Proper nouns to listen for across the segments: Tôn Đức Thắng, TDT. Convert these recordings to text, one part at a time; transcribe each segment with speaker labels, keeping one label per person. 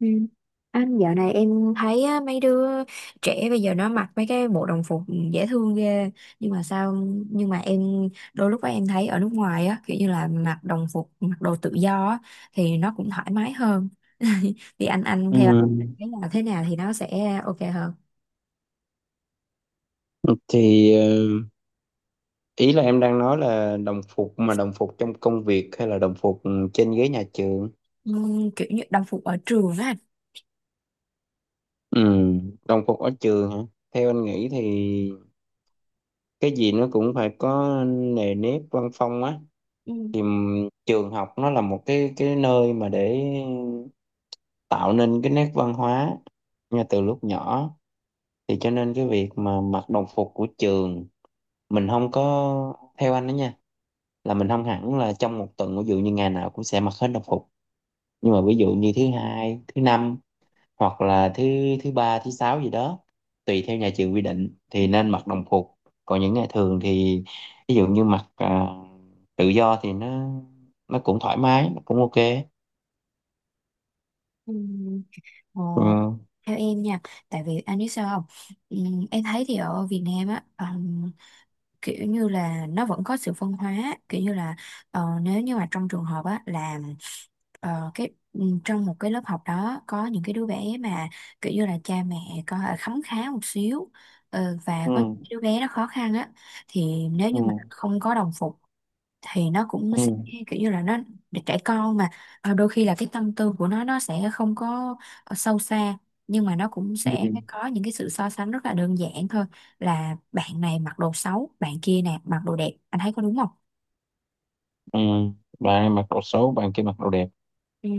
Speaker 1: Ừ. Anh dạo này em thấy á, mấy đứa trẻ bây giờ nó mặc mấy cái bộ đồng phục dễ thương ghê nhưng mà sao nhưng mà em đôi lúc á, em thấy ở nước ngoài á kiểu như là mặc đồng phục mặc đồ tự do á, thì nó cũng thoải mái hơn. Thì anh
Speaker 2: Ừ.
Speaker 1: theo cái nào thế nào thì nó sẽ ok hơn.
Speaker 2: Thì ờ, ý là em đang nói là đồng phục mà đồng phục trong công việc hay là đồng phục trên ghế nhà trường?
Speaker 1: ừ, Kiểu như đồng phục ở trường á anh.
Speaker 2: Ừ, đồng phục ở trường hả? Theo anh nghĩ thì cái gì nó cũng phải có nề nếp văn phong á.
Speaker 1: Ừ.
Speaker 2: Trường học nó là một cái nơi mà để tạo nên cái nét văn hóa ngay từ lúc nhỏ. Thì cho nên cái việc mà mặc đồng phục của trường mình, không có theo anh đó nha, là mình không hẳn là trong một tuần ví dụ như ngày nào cũng sẽ mặc hết đồng phục, nhưng mà ví dụ như thứ hai thứ năm hoặc là thứ thứ ba thứ sáu gì đó tùy theo nhà trường quy định thì nên mặc đồng phục, còn những ngày thường thì ví dụ như tự do thì nó cũng thoải mái, nó cũng ok.
Speaker 1: Ừ. Ờ,
Speaker 2: Ừ.
Speaker 1: Theo em nha, tại vì anh biết sao không? ừ, em thấy thì ở Việt Nam á, kiểu như là nó vẫn có sự phân hóa, kiểu như là nếu như mà trong trường hợp á là trong một cái lớp học đó có những cái đứa bé mà kiểu như là cha mẹ có khấm khá một xíu, và
Speaker 2: Ừ.
Speaker 1: có đứa bé nó khó khăn á, thì nếu
Speaker 2: Ừ.
Speaker 1: như mà không có đồng phục thì nó cũng
Speaker 2: Ừ.
Speaker 1: sẽ kiểu như là nó, để trẻ con mà, đôi khi là cái tâm tư của nó sẽ không có sâu xa, nhưng mà nó cũng sẽ
Speaker 2: Ừ.
Speaker 1: có những cái sự so sánh rất là đơn giản thôi, là bạn này mặc đồ xấu bạn kia nè mặc đồ đẹp, anh thấy có đúng không?
Speaker 2: Ừ. Bạn em mặc đồ xấu bạn kia mặc đồ đẹp.
Speaker 1: Ừ,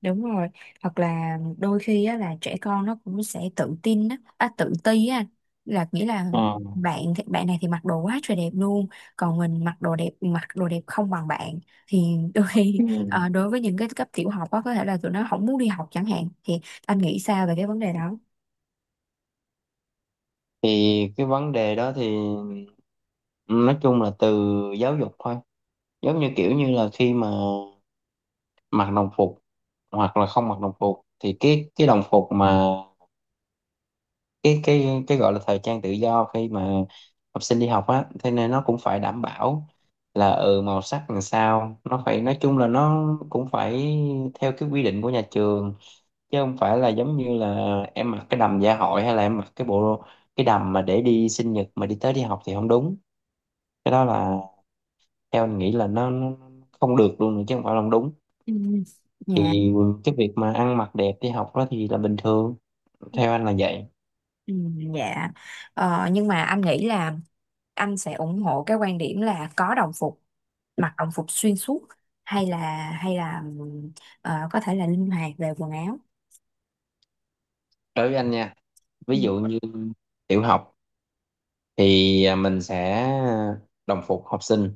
Speaker 1: đúng rồi. Hoặc là đôi khi á, là trẻ con nó cũng sẽ tự tin á, à, tự ti á, là nghĩa là
Speaker 2: Ừ.
Speaker 1: bạn bạn này thì mặc đồ quá trời đẹp luôn, còn mình mặc đồ đẹp không bằng bạn, thì đôi khi
Speaker 2: Ừ.
Speaker 1: đối với những cái cấp tiểu học á có thể là tụi nó không muốn đi học chẳng hạn, thì anh nghĩ sao về cái vấn đề đó?
Speaker 2: Thì cái vấn đề đó thì nói chung là từ giáo dục thôi. Giống như kiểu như là khi mà mặc đồng phục hoặc là không mặc đồng phục, thì cái đồng phục mà cái gọi là thời trang tự do khi mà học sinh đi học á, thế nên nó cũng phải đảm bảo là, ừ, màu sắc làm sao, nó phải nói chung là nó cũng phải theo cái quy định của nhà trường, chứ không phải là giống như là em mặc cái đầm dạ hội, hay là em mặc cái bộ cái đầm mà để đi sinh nhật mà đi tới đi học thì không đúng. Cái đó là, theo anh nghĩ là nó không được luôn nữa chứ không phải là không đúng.
Speaker 1: Ừ, dạ.
Speaker 2: Thì cái việc mà ăn mặc đẹp đi học đó thì là bình thường, theo anh là vậy.
Speaker 1: Ừ, dạ. Ờ, nhưng mà anh nghĩ là anh sẽ ủng hộ cái quan điểm là có đồng phục, mặc đồng phục xuyên suốt, hay là hay là có thể là linh hoạt về quần áo.
Speaker 2: Đối với anh nha, ví
Speaker 1: Ừ.
Speaker 2: dụ như tiểu học thì mình sẽ đồng phục học sinh.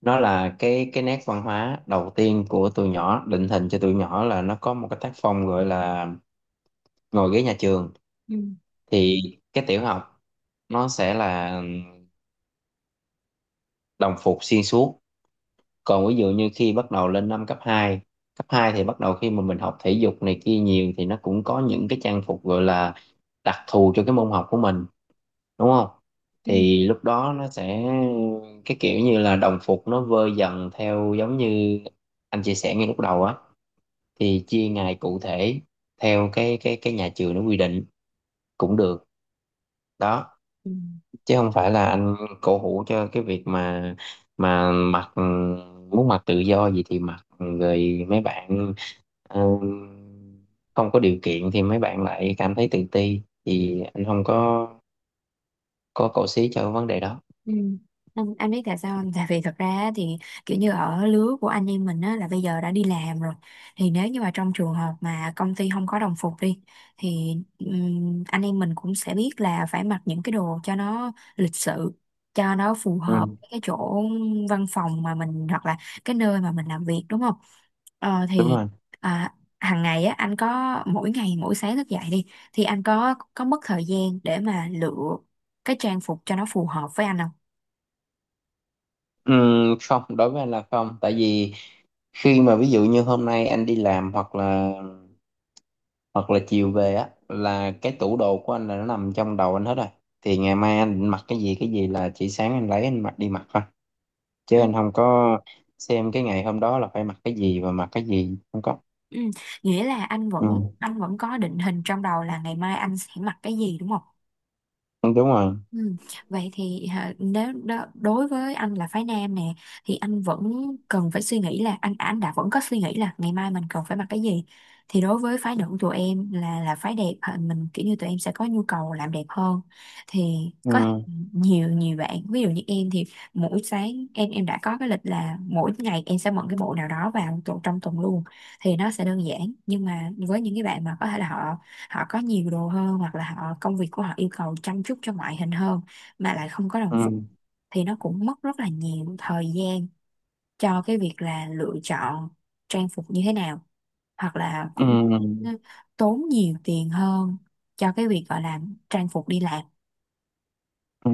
Speaker 2: Nó là cái nét văn hóa đầu tiên của tụi nhỏ, định hình cho tụi nhỏ là nó có một cái tác phong gọi là ngồi ghế nhà trường.
Speaker 1: Ừ.
Speaker 2: Thì cái tiểu học nó sẽ là đồng phục xuyên suốt. Còn ví dụ như khi bắt đầu lên năm cấp 2 thì bắt đầu khi mà mình học thể dục này kia nhiều thì nó cũng có những cái trang phục gọi là đặc thù cho cái môn học của mình, đúng không?
Speaker 1: Ừ.
Speaker 2: Thì lúc đó nó sẽ cái kiểu như là đồng phục nó vơi dần theo, giống như anh chia sẻ ngay lúc đầu á, thì chia ngày cụ thể theo cái nhà trường nó quy định cũng được đó.
Speaker 1: Ừ.
Speaker 2: Chứ không phải là anh cổ hủ cho cái việc mà mà mặc, muốn mặc tự do gì thì mặc, rồi mấy bạn, ừ, không có điều kiện thì mấy bạn lại cảm thấy tự ti, thì anh không có có cổ xí cho vấn đề đó.
Speaker 1: Ừ. Anh biết tại sao không? Tại vì thật ra á thì kiểu như ở lứa của anh em mình á là bây giờ đã đi làm rồi, thì nếu như mà trong trường hợp mà công ty không có đồng phục đi, thì anh em mình cũng sẽ biết là phải mặc những cái đồ cho nó lịch sự, cho nó phù hợp
Speaker 2: Ừ,
Speaker 1: với cái chỗ văn phòng mà mình hoặc là cái nơi mà mình làm việc, đúng không? Ờ
Speaker 2: đúng
Speaker 1: thì
Speaker 2: rồi.
Speaker 1: à, hàng ngày á anh có mỗi ngày mỗi sáng thức dậy đi, thì anh có mất thời gian để mà lựa cái trang phục cho nó phù hợp với anh không?
Speaker 2: Ừ, không, đối với anh là không. Tại vì khi mà ví dụ như hôm nay anh đi làm, hoặc là chiều về á, là cái tủ đồ của anh là nó nằm trong đầu anh hết rồi. Thì ngày mai anh định mặc cái gì là chỉ sáng anh lấy anh mặc đi mặc thôi, chứ
Speaker 1: Ừ,
Speaker 2: anh không có xem cái ngày hôm đó là phải mặc cái gì và mặc cái gì, không có.
Speaker 1: ừ. Nghĩa là anh
Speaker 2: Ừ,
Speaker 1: vẫn anh vẫn có định hình trong đầu là ngày mai anh sẽ mặc cái gì đúng không?
Speaker 2: đúng rồi.
Speaker 1: Ừ. Vậy thì hả, nếu đó, đối với anh là phái nam nè, thì anh vẫn cần phải suy nghĩ là anh đã vẫn có suy nghĩ là ngày mai mình cần phải mặc cái gì, thì đối với phái nữ của tụi em là phái đẹp hả, mình kiểu như tụi em sẽ có nhu cầu làm đẹp hơn, thì
Speaker 2: Ừ.
Speaker 1: có nhiều nhiều bạn ví dụ như em thì mỗi sáng em đã có cái lịch là mỗi ngày em sẽ mượn cái bộ nào đó vào trong tuần luôn, thì nó sẽ đơn giản, nhưng mà với những cái bạn mà có thể là họ họ có nhiều đồ hơn hoặc là họ công việc của họ yêu cầu chăm chút cho ngoại hình hơn mà lại không có đồng
Speaker 2: Ừ.
Speaker 1: phục, thì nó cũng mất rất là nhiều thời gian cho cái việc là lựa chọn trang phục như thế nào, hoặc là cũng
Speaker 2: Ừ.
Speaker 1: ừ, tốn nhiều tiền hơn cho cái việc gọi là trang phục đi làm.
Speaker 2: Ừ.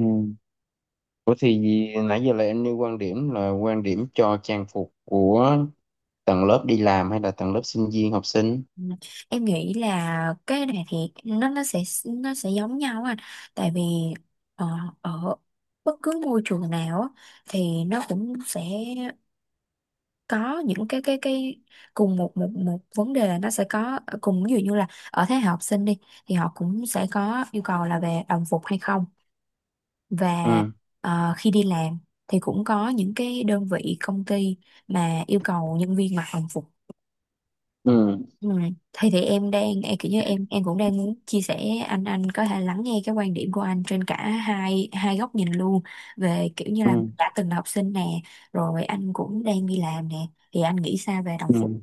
Speaker 2: Ủa thì nãy giờ là em nêu quan điểm là quan điểm cho trang phục của tầng lớp đi làm hay là tầng lớp sinh viên học sinh?
Speaker 1: Ừ. Em nghĩ là cái này thì nó sẽ giống nhau anh, tại vì ờ, ở bất cứ môi trường nào á, thì nó cũng sẽ có những cái cùng một một một vấn đề là nó sẽ có cùng ví dụ như là ở thế hệ học sinh đi, thì họ cũng sẽ có yêu cầu là về đồng phục hay không, và
Speaker 2: Ừ.
Speaker 1: khi đi làm thì cũng có những cái đơn vị công ty mà yêu cầu nhân viên mặc đồng phục.
Speaker 2: Ừ.
Speaker 1: Ừ. thì em đang em kiểu như em cũng đang muốn chia sẻ, anh có thể lắng nghe cái quan điểm của anh trên cả hai hai góc nhìn luôn, về kiểu như là
Speaker 2: Ừ.
Speaker 1: đã từng là học sinh nè, rồi anh cũng đang đi làm nè, thì anh nghĩ sao về đồng phục?
Speaker 2: Ừ.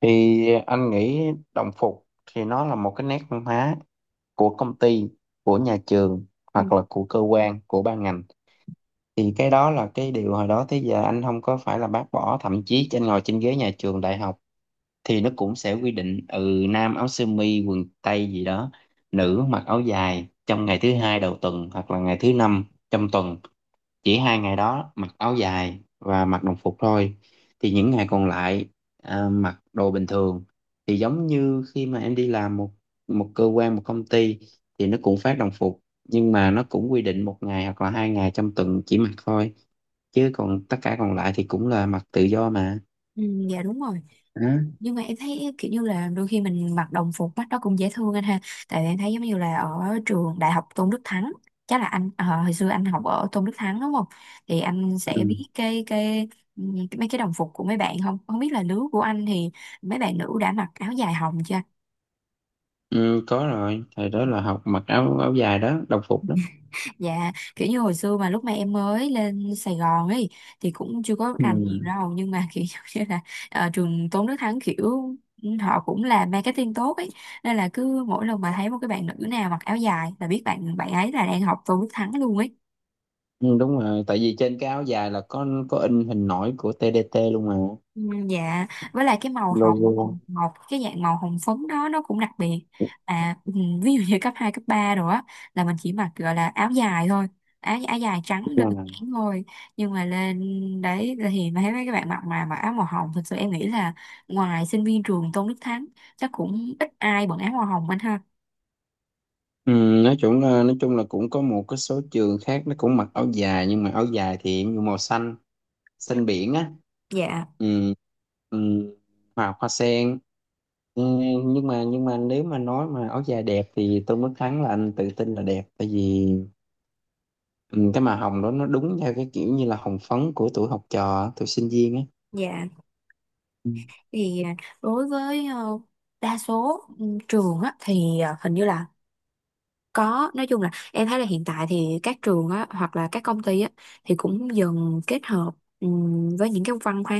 Speaker 2: Thì anh nghĩ đồng phục thì nó là một cái nét văn hóa của công ty, của nhà trường,
Speaker 1: Ừ.
Speaker 2: hoặc là của cơ quan, của ban ngành. Thì cái đó là cái điều hồi đó tới giờ anh không có phải là bác bỏ. Thậm chí trên ngồi trên ghế nhà trường đại học thì nó cũng sẽ quy định, ừ, nam áo sơ mi quần tây gì đó, nữ mặc áo dài trong ngày thứ hai đầu tuần hoặc là ngày thứ năm trong tuần. Chỉ hai ngày đó mặc áo dài và mặc đồng phục thôi, thì những ngày còn lại mặc đồ bình thường. Thì giống như khi mà em đi làm một một cơ quan một công ty thì nó cũng phát đồng phục, nhưng mà nó cũng quy định một ngày hoặc là hai ngày trong tuần chỉ mặc thôi, chứ còn tất cả còn lại thì cũng là mặc tự do mà.
Speaker 1: Ừ, dạ đúng rồi.
Speaker 2: Đó.
Speaker 1: Nhưng mà em thấy kiểu như là đôi khi mình mặc đồng phục mắt đó cũng dễ thương anh ha, tại vì em thấy giống như là ở trường đại học Tôn Đức Thắng, chắc là anh hồi xưa anh học ở Tôn Đức Thắng đúng không, thì anh sẽ
Speaker 2: Ừ.
Speaker 1: biết cái ừ, mấy cái đồng phục của mấy bạn, không không biết là lứa của anh thì mấy bạn nữ đã mặc áo dài hồng chưa?
Speaker 2: Ừ, có rồi, thời đó là học mặc áo áo dài đó, đồng phục đó.
Speaker 1: Dạ, kiểu như hồi xưa mà lúc mà em mới lên Sài Gòn ấy, thì cũng chưa có rành nhiều
Speaker 2: Ừ.
Speaker 1: đâu, nhưng mà kiểu như là trường Tôn Đức Thắng kiểu họ cũng làm marketing tốt ấy, nên là cứ mỗi lần mà thấy một cái bạn nữ nào mặc áo dài là biết bạn bạn ấy là đang học Tôn Đức Thắng luôn ấy.
Speaker 2: Ừ, đúng rồi, tại vì trên cái áo dài là có in hình nổi của TDT luôn mà.
Speaker 1: Ừ, dạ. Với lại cái màu hồng,
Speaker 2: Logo.
Speaker 1: một cái dạng màu hồng phấn đó nó cũng đặc biệt. à ừ, Ví dụ như cấp 2 cấp 3 rồi á là mình chỉ mặc gọi là áo dài thôi, áo áo dài trắng đơn
Speaker 2: Ừ.
Speaker 1: giản thôi, nhưng mà lên đấy thì mà thấy mấy các bạn mặc mà mặc áo màu hồng, thực sự em nghĩ là ngoài sinh viên trường Tôn Đức Thắng chắc cũng ít ai bận áo màu hồng anh ha.
Speaker 2: Ừ, nói chung là cũng có một cái số trường khác nó cũng mặc áo dài, nhưng mà áo dài thì em nhuộm màu xanh,
Speaker 1: Ừ.
Speaker 2: xanh biển á.
Speaker 1: Dạ.
Speaker 2: Ừ, ừ, hoa hoa sen. Ừ, nhưng mà nếu mà nói mà áo dài đẹp thì Tôn Đức Thắng là anh tự tin là đẹp. Tại vì, ừ, cái màu hồng đó nó đúng theo cái kiểu như là hồng phấn của tuổi học trò tuổi sinh viên á.
Speaker 1: Dạ.
Speaker 2: Ừ.
Speaker 1: Thì đối với đa số trường á thì à, hình như là có, nói chung là em thấy là hiện tại thì các trường á, hoặc là các công ty á, thì cũng dần kết hợp với những cái văn hóa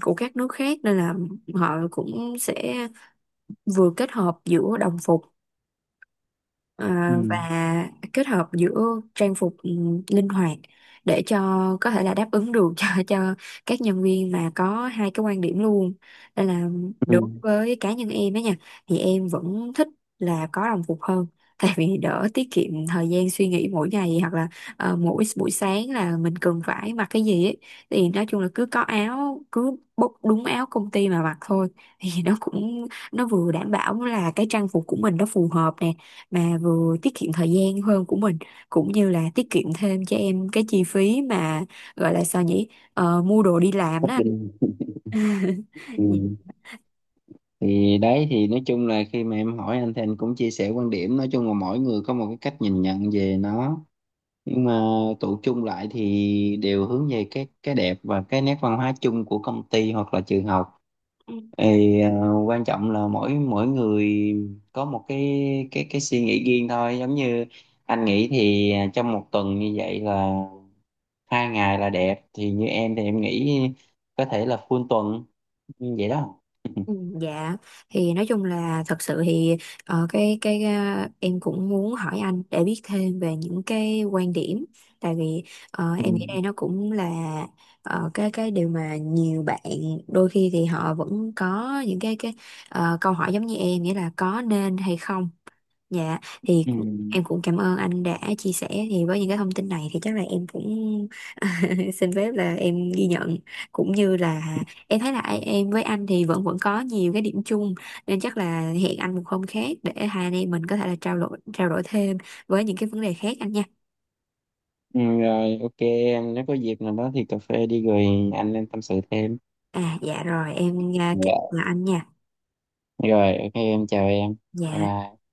Speaker 1: của các nước khác, nên là họ cũng sẽ vừa kết hợp giữa đồng phục, Ờ,
Speaker 2: Ừ.
Speaker 1: và kết hợp giữa trang phục linh hoạt để cho có thể là đáp ứng được cho cho các nhân viên mà có hai cái quan điểm luôn, nên là đối
Speaker 2: Ừ.
Speaker 1: với cá nhân em á nha, thì em vẫn thích là có đồng phục hơn, tại vì đỡ, tiết kiệm thời gian suy nghĩ mỗi ngày, hoặc là mỗi buổi sáng là mình cần phải mặc cái gì ấy, thì nói chung là cứ có áo cứ bốc đúng áo công ty mà mặc thôi, thì nó cũng nó vừa đảm bảo là cái trang phục của mình nó phù hợp nè, mà vừa tiết kiệm thời gian hơn của mình, cũng như là tiết kiệm thêm cho em cái chi phí mà gọi là sao nhỉ, Ờ, mua đồ đi làm
Speaker 2: Nhất
Speaker 1: đó.
Speaker 2: định. Ừ.
Speaker 1: Dạ.
Speaker 2: Thì đấy, thì nói chung là khi mà em hỏi anh thì anh cũng chia sẻ quan điểm. Nói chung là mỗi người có một cái cách nhìn nhận về nó, nhưng mà tụ chung lại thì đều hướng về cái đẹp và cái nét văn hóa chung của công ty hoặc là trường học. thì ờ, Quan trọng là mỗi mỗi người có một cái cái suy nghĩ riêng thôi. Giống như anh nghĩ thì trong một tuần như vậy là hai ngày là đẹp, thì như em thì em nghĩ có thể là full tuần như vậy đó.
Speaker 1: Ừ, dạ. Thì nói chung là thật sự thì em cũng muốn hỏi anh để biết thêm về những cái quan điểm, tại vì
Speaker 2: Ừ.
Speaker 1: em nghĩ đây nó cũng là cái điều mà nhiều bạn đôi khi thì họ vẫn có những câu hỏi giống như em, nghĩa là có nên hay không. Dạ. Thì
Speaker 2: Ừ.
Speaker 1: em cũng cảm ơn anh đã chia sẻ, thì với những cái thông tin này thì chắc là em cũng xin phép là em ghi nhận, cũng như là em thấy là em với anh thì vẫn vẫn có nhiều cái điểm chung, nên chắc là hẹn anh một hôm khác để hai anh em mình có thể là trao đổi thêm với những cái vấn đề khác anh nha.
Speaker 2: Ừ, rồi ok em, nếu có dịp nào đó thì cà phê đi rồi anh lên tâm sự thêm.
Speaker 1: À dạ rồi em
Speaker 2: Dạ.
Speaker 1: chào anh nha.
Speaker 2: Rồi ok em, chào em, bye
Speaker 1: Dạ.
Speaker 2: bye.